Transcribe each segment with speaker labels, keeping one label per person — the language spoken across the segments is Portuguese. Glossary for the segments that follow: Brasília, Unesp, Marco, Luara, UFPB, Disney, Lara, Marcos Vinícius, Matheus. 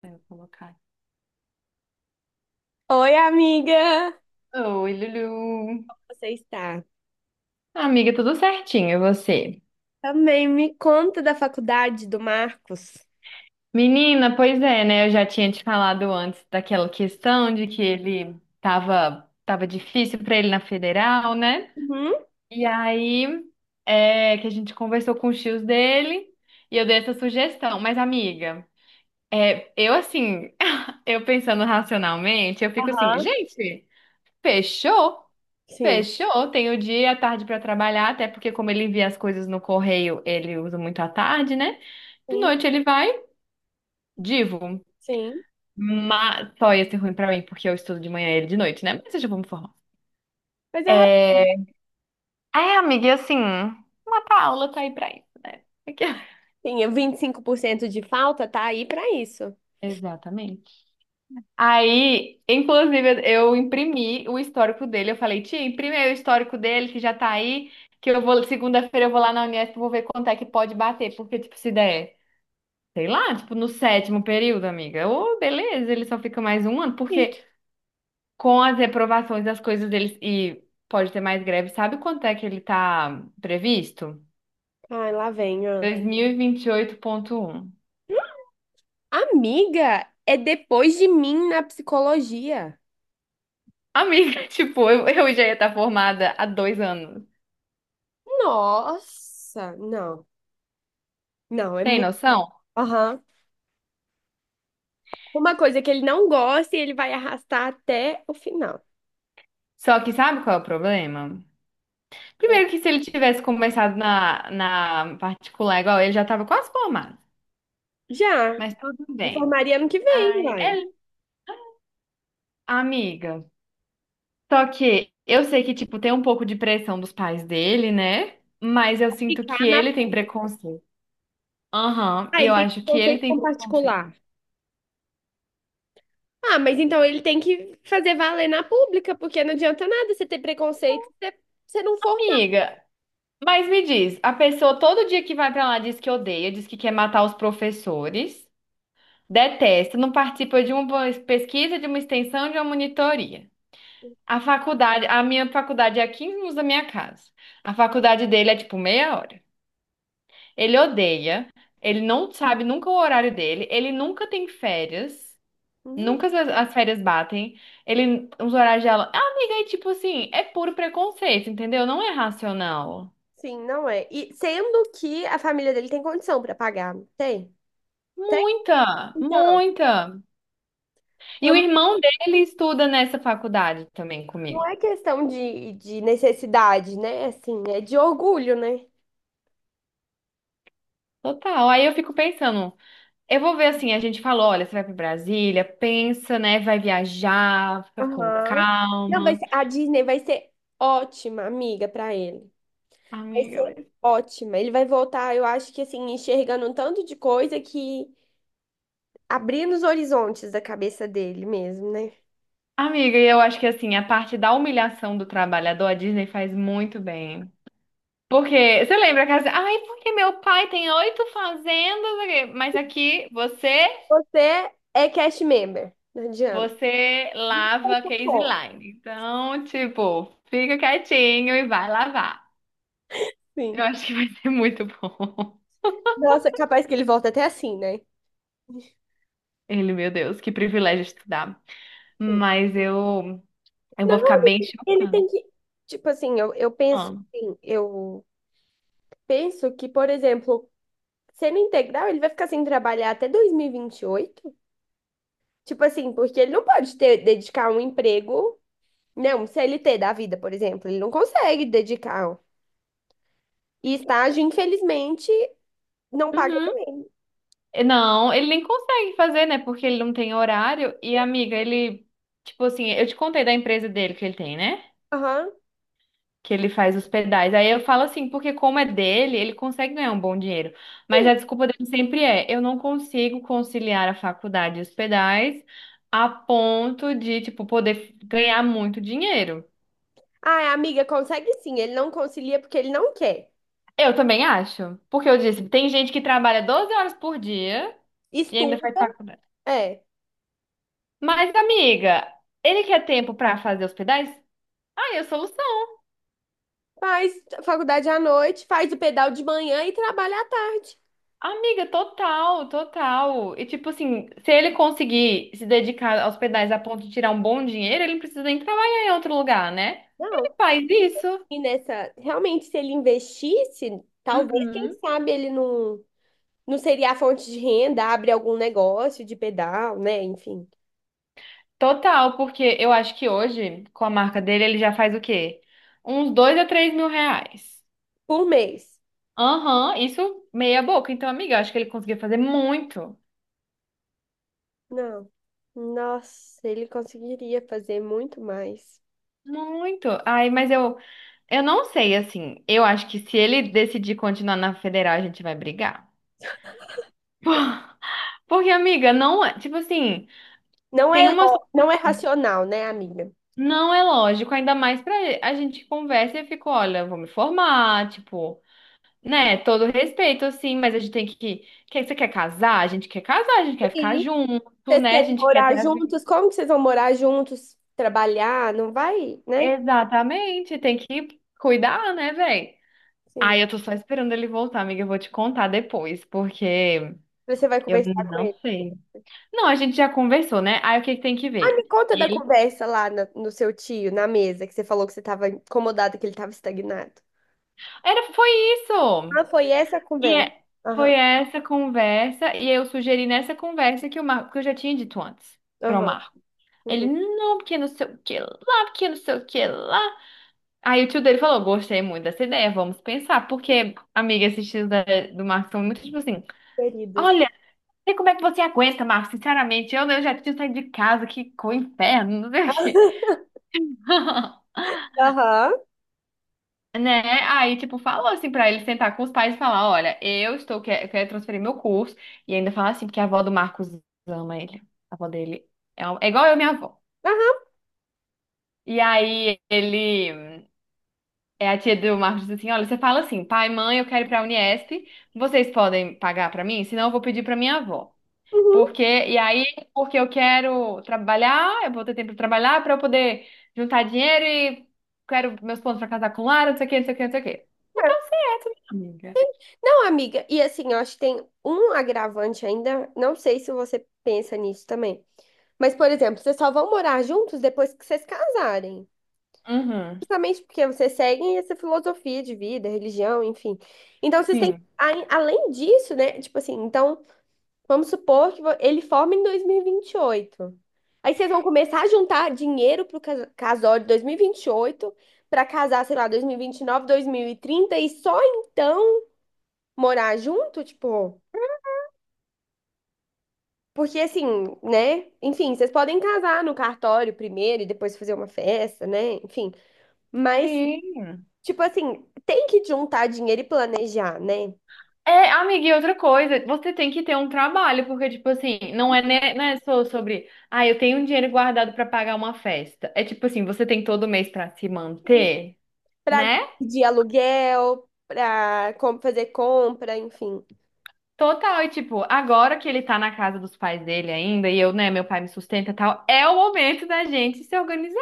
Speaker 1: Pra eu colocar.
Speaker 2: Oi, amiga!
Speaker 1: Oi, Lulu.
Speaker 2: Você está?
Speaker 1: Amiga, tudo certinho, e você?
Speaker 2: Também me conta da faculdade do Marcos.
Speaker 1: Menina, pois é, né? Eu já tinha te falado antes daquela questão de que ele tava difícil pra ele na federal, né?
Speaker 2: Uhum.
Speaker 1: E aí é que a gente conversou com os tios dele e eu dei essa sugestão. Mas, amiga, é, eu assim, eu pensando racionalmente, eu fico assim,
Speaker 2: Aham.
Speaker 1: gente, fechou?
Speaker 2: Sim.
Speaker 1: Fechou, tem o dia e a tarde para trabalhar, até porque como ele envia as coisas no correio, ele usa muito a tarde, né? De
Speaker 2: Sim,
Speaker 1: noite ele vai, divo.
Speaker 2: sim.
Speaker 1: Mas só ia ser ruim pra mim, porque eu estudo de manhã e ele de noite, né? Mas eu já vou me formar.
Speaker 2: Mas é
Speaker 1: É, é amiga, e assim, uma aula tá aí pra isso, né? Aqui- ó.
Speaker 2: rapidinho, 25% de falta tá aí pra isso.
Speaker 1: Exatamente. Aí, inclusive, eu imprimi o histórico dele. Eu falei, tia, imprime aí o histórico dele, que já tá aí, que eu vou, segunda-feira eu vou lá na Unesp, vou ver quanto é que pode bater, porque, tipo, se der. Sei lá, tipo, no sétimo período, amiga. Ô, beleza, ele só fica mais um ano,
Speaker 2: Sim.
Speaker 1: porque com as reprovações das coisas deles, e pode ter mais greve, sabe quanto é que ele tá previsto?
Speaker 2: Ai, lá vem, ó.
Speaker 1: 2028.1.
Speaker 2: Amiga, é depois de mim na psicologia.
Speaker 1: Amiga, tipo, eu já ia estar formada há dois anos.
Speaker 2: Nossa, não. Não, é
Speaker 1: Tem
Speaker 2: muito.
Speaker 1: noção?
Speaker 2: Aham. Uma coisa que ele não gosta e ele vai arrastar até o final.
Speaker 1: Só que sabe qual é o problema? Primeiro que se ele tivesse começado na particular igual, ele já tava quase formado.
Speaker 2: Já.
Speaker 1: Mas tudo
Speaker 2: Ele
Speaker 1: bem.
Speaker 2: formaria ano que vem,
Speaker 1: Ai,
Speaker 2: vai.
Speaker 1: ele, amiga. Só que eu sei que, tipo, tem um pouco de pressão dos pais dele, né? Mas eu sinto
Speaker 2: Ficar
Speaker 1: que
Speaker 2: na.
Speaker 1: ele tem preconceito. Aham,
Speaker 2: Ah, ele
Speaker 1: eu
Speaker 2: tem que ter
Speaker 1: acho
Speaker 2: um
Speaker 1: que ele
Speaker 2: conceito
Speaker 1: tem
Speaker 2: com
Speaker 1: preconceito.
Speaker 2: particular. Ah, mas então ele tem que fazer valer na pública, porque não adianta nada você ter preconceito se você não formar.
Speaker 1: Amiga, mas me diz, a pessoa todo dia que vai pra lá diz que odeia, diz que quer matar os professores, detesta, não participa de uma pesquisa, de uma extensão, de uma monitoria. A faculdade, a minha faculdade é a 15 minutos da minha casa. A faculdade dele é tipo meia hora. Ele odeia. Ele não sabe nunca o horário dele, ele nunca tem férias.
Speaker 2: Não.
Speaker 1: Nunca as férias batem. Ele, os horários dela. Ah, amiga, é tipo assim, é puro preconceito, entendeu? Não é racional.
Speaker 2: Sim, não é. E sendo que a família dele tem condição para pagar, não tem? Tem?
Speaker 1: Muita,
Speaker 2: Então,
Speaker 1: muita. E o
Speaker 2: então,
Speaker 1: irmão dele estuda nessa faculdade também
Speaker 2: não
Speaker 1: comigo.
Speaker 2: é questão de necessidade, né? Assim, é de orgulho, né?
Speaker 1: Total. Aí eu fico pensando, eu vou ver assim, a gente falou, olha, você vai pra Brasília, pensa, né, vai viajar, fica com
Speaker 2: Aham. Não, vai
Speaker 1: calma.
Speaker 2: ser, a Disney vai ser ótima amiga para ele. Vai
Speaker 1: Amiga,
Speaker 2: ser
Speaker 1: mas-
Speaker 2: ótima. Ele vai voltar, eu acho que assim, enxergando um tanto de coisa que abrindo os horizontes da cabeça dele mesmo, né?
Speaker 1: amiga, eu acho que assim, a parte da humilhação do trabalhador, a Disney faz muito bem. Porque você lembra que assim, ai, porque meu pai tem 8 fazendas, aqui", mas aqui você,
Speaker 2: Você é cast member, não adianta.
Speaker 1: você lava case
Speaker 2: Pô.
Speaker 1: line. Então, tipo, fica quietinho e vai lavar. Eu
Speaker 2: Sim.
Speaker 1: acho que vai ser muito bom.
Speaker 2: Nossa, capaz que ele volta até assim, né?
Speaker 1: Ele, meu Deus, que privilégio estudar. Mas eu vou
Speaker 2: Não,
Speaker 1: ficar bem
Speaker 2: amiga, ele
Speaker 1: chocada.
Speaker 2: tem que. Tipo assim, eu penso
Speaker 1: Ah.
Speaker 2: assim, eu penso que, por exemplo, sendo integral, ele vai ficar sem trabalhar até 2028. Tipo assim, porque ele não pode ter, dedicar um emprego, né? Um CLT da vida, por exemplo. Ele não consegue dedicar. E estágio, infelizmente, não paga.
Speaker 1: Uhum. Não, ele nem consegue fazer, né? Porque ele não tem horário. E, amiga, ele, tipo assim, eu te contei da empresa dele que ele tem, né?
Speaker 2: Aham.
Speaker 1: que ele faz os pedais. Aí eu falo assim, porque como é dele, ele consegue ganhar um bom dinheiro. Mas
Speaker 2: Sim.
Speaker 1: a desculpa dele sempre é, eu não consigo conciliar a faculdade e os pedais a ponto de, tipo, poder ganhar muito dinheiro.
Speaker 2: Ah, amiga, consegue sim. Ele não concilia porque ele não quer.
Speaker 1: Eu também acho, porque eu disse, tem gente que trabalha 12 horas por dia e ainda faz
Speaker 2: Estuda,
Speaker 1: faculdade.
Speaker 2: é.
Speaker 1: Mas, amiga, ele quer tempo pra fazer os pedais? Ah, eu soluciono
Speaker 2: Faz faculdade à noite, faz o pedal de manhã e trabalha à tarde.
Speaker 1: Amiga, total, total. E tipo assim, se ele conseguir se dedicar aos pedais a ponto de tirar um bom dinheiro, ele não precisa nem trabalhar em outro lugar, né?
Speaker 2: Não.
Speaker 1: Ele faz isso.
Speaker 2: E nessa, realmente, se ele investisse, talvez, quem
Speaker 1: Uhum.
Speaker 2: sabe, ele não, não seria a fonte de renda, abre algum negócio de pedal, né? Enfim,
Speaker 1: Total, porque eu acho que hoje, com a marca dele, ele já faz o quê? Uns dois a 3 mil reais.
Speaker 2: por mês.
Speaker 1: Aham, isso meia boca. Então, amiga, eu acho que ele conseguiu fazer muito.
Speaker 2: Não. Nossa, ele conseguiria fazer muito mais.
Speaker 1: Muito. Ai, mas eu não sei, assim. Eu acho que se ele decidir continuar na federal, a gente vai brigar. Porque, amiga, não é. Tipo assim,
Speaker 2: Não
Speaker 1: tem
Speaker 2: é,
Speaker 1: uma.
Speaker 2: lo- não é racional, né, amiga?
Speaker 1: Não é lógico, ainda mais pra a gente que conversa e eu fico, olha, eu vou me formar, tipo, né? Todo respeito, assim, mas a gente tem que. Quer, você quer casar? A gente quer casar, a gente quer ficar
Speaker 2: Sim.
Speaker 1: junto,
Speaker 2: Vocês
Speaker 1: né? A
Speaker 2: querem
Speaker 1: gente quer
Speaker 2: morar
Speaker 1: ter a vida.
Speaker 2: juntos? Como que vocês vão morar juntos? Trabalhar? Não vai, né?
Speaker 1: Exatamente, tem que cuidar, né, velho?
Speaker 2: Sim.
Speaker 1: Ai, eu tô só esperando ele voltar, amiga. Eu vou te contar depois, porque
Speaker 2: Você vai
Speaker 1: eu
Speaker 2: conversar com
Speaker 1: não
Speaker 2: ele.
Speaker 1: sei. Não, a gente já conversou, né? Aí o que que tem que
Speaker 2: Ai,
Speaker 1: ver?
Speaker 2: me conta da
Speaker 1: Ele.
Speaker 2: conversa lá na- no seu tio, na mesa, que você falou que você estava incomodada, que ele estava estagnado.
Speaker 1: Era, foi isso!
Speaker 2: Ah, foi essa a
Speaker 1: E
Speaker 2: conversa.
Speaker 1: é- foi
Speaker 2: Aham,
Speaker 1: essa conversa, e eu sugeri nessa conversa que o Marco, que eu já tinha dito antes para o
Speaker 2: aham,
Speaker 1: Marco. Ele,
Speaker 2: uhum,
Speaker 1: não, porque não sei o que lá, porque não sei o que lá. Aí o tio dele falou: gostei muito dessa ideia, vamos pensar. Porque, amiga, esses tios do Marco são muito tipo assim:
Speaker 2: queridos.
Speaker 1: olha, não sei como é que você aguenta, Marco, sinceramente, eu já tinha saído de casa, que inferno, não sei o quê.
Speaker 2: Aham,
Speaker 1: Né? Aí, tipo, falou assim pra ele sentar com os pais e falar: Olha, eu estou, quer, quero transferir meu curso. E ainda falar assim, porque a avó do Marcos ama ele. A avó dele é, é igual eu, minha avó.
Speaker 2: aham,
Speaker 1: E aí, ele. É a tia do Marcos diz assim: Olha, você fala assim, pai, mãe, eu quero ir pra Unesp. Vocês podem pagar pra mim? Senão, eu vou pedir pra minha avó.
Speaker 2: uhum.
Speaker 1: Porque, e aí, porque eu quero trabalhar, eu vou ter tempo pra trabalhar pra eu poder juntar dinheiro e quero meus pontos pra casar com Lara, não sei o que, não sei o que, não sei o que. E tá
Speaker 2: É.
Speaker 1: certo, minha amiga.
Speaker 2: Não, amiga, e assim, eu acho que tem um agravante ainda, não sei se você pensa nisso também. Mas, por exemplo, vocês só vão morar juntos depois que vocês casarem.
Speaker 1: Uhum,
Speaker 2: Justamente porque vocês seguem essa filosofia de vida, religião, enfim. Então, vocês têm,
Speaker 1: sim.
Speaker 2: a- além disso, né? Tipo assim, então. Vamos supor que vo- ele forma em 2028. Aí vocês vão começar a juntar dinheiro pro cas- casório de 2028 para casar, sei lá, 2029, 2030 e só então morar junto, tipo, porque assim, né? Enfim, vocês podem casar no cartório primeiro e depois fazer uma festa, né? Enfim, mas
Speaker 1: Sim.
Speaker 2: tipo assim, tem que juntar dinheiro e planejar, né?
Speaker 1: É, amiga, e outra coisa, você tem que ter um trabalho, porque, tipo assim, não é, né, não é só sobre, ah, eu tenho um dinheiro guardado pra pagar uma festa. É tipo assim, você tem todo mês pra se manter,
Speaker 2: Para
Speaker 1: né?
Speaker 2: de aluguel, para fazer compra, enfim,
Speaker 1: Total, e tipo, agora que ele tá na casa dos pais dele ainda, e eu, né, meu pai me sustenta e tal, é o momento da gente se organizar.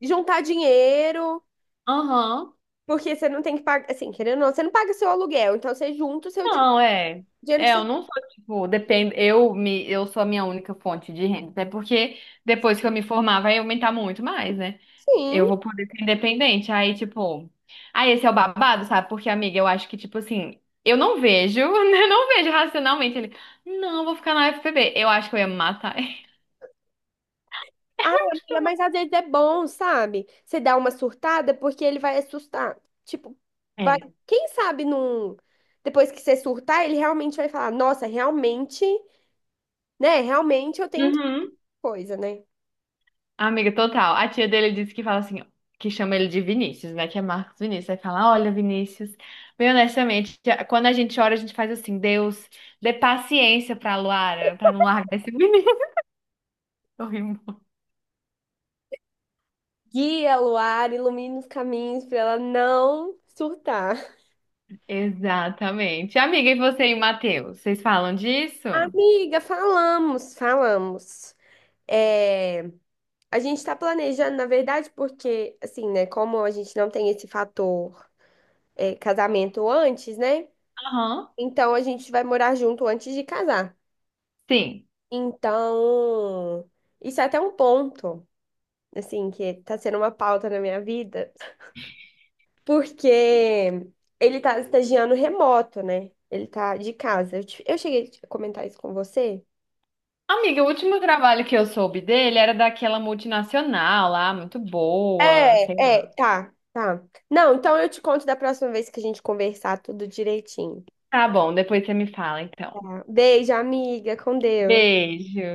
Speaker 2: juntar dinheiro.
Speaker 1: Aham.
Speaker 2: Porque você não tem que pagar, assim, querendo ou não, você não paga seu aluguel, então você junta o seu din-
Speaker 1: Não, é.
Speaker 2: dinheiro que
Speaker 1: É,
Speaker 2: você.
Speaker 1: eu não sou, tipo, depende, eu sou a minha única fonte de renda, até porque depois que eu me formar vai aumentar muito mais, né? Eu
Speaker 2: Sim.
Speaker 1: vou poder ser independente, aí, tipo, aí esse é o babado, sabe? Porque, amiga, eu acho que, tipo assim, eu não vejo, eu não vejo racionalmente ele, não, vou ficar na UFPB. Eu acho que eu ia me matar.
Speaker 2: Ah, amiga, mas às vezes é bom, sabe? Você dá uma surtada porque ele vai assustar. Tipo, vai...
Speaker 1: É.
Speaker 2: quem sabe num. Depois que você surtar, ele realmente vai falar: Nossa, realmente, né? Realmente eu tenho que
Speaker 1: Uhum.
Speaker 2: coisa, né?
Speaker 1: Amiga, total. A tia dele disse que fala assim, que chama ele de Vinícius, né? Que é Marcos Vinícius. Aí fala, olha, Vinícius, bem honestamente, tia- quando a gente ora, a gente faz assim, Deus, dê paciência pra Luara, pra não largar esse menino. Eu ri muito.
Speaker 2: Guia Luar, ilumina os caminhos pra ela não surtar.
Speaker 1: Exatamente. Amiga, e você e o Matheus, vocês falam disso?
Speaker 2: Amiga, falamos, falamos. É. A gente está planejando, na verdade, porque, assim, né, como a gente não tem esse fator, é, casamento antes, né?
Speaker 1: Aham.
Speaker 2: Então a gente vai morar junto antes de casar.
Speaker 1: Sim.
Speaker 2: Então, isso é até um ponto, assim, que tá sendo uma pauta na minha vida, porque ele tá estagiando remoto, né? Ele tá de casa. Eu, te- eu cheguei a comentar isso com você.
Speaker 1: Amiga, o último trabalho que eu soube dele era daquela multinacional lá, muito boa,
Speaker 2: É,
Speaker 1: sei lá.
Speaker 2: é, tá, tá. Não, então eu te conto da próxima vez que a gente conversar tudo direitinho.
Speaker 1: Tá bom, depois você me fala, então.
Speaker 2: Beijo, amiga. Com Deus.
Speaker 1: Beijo.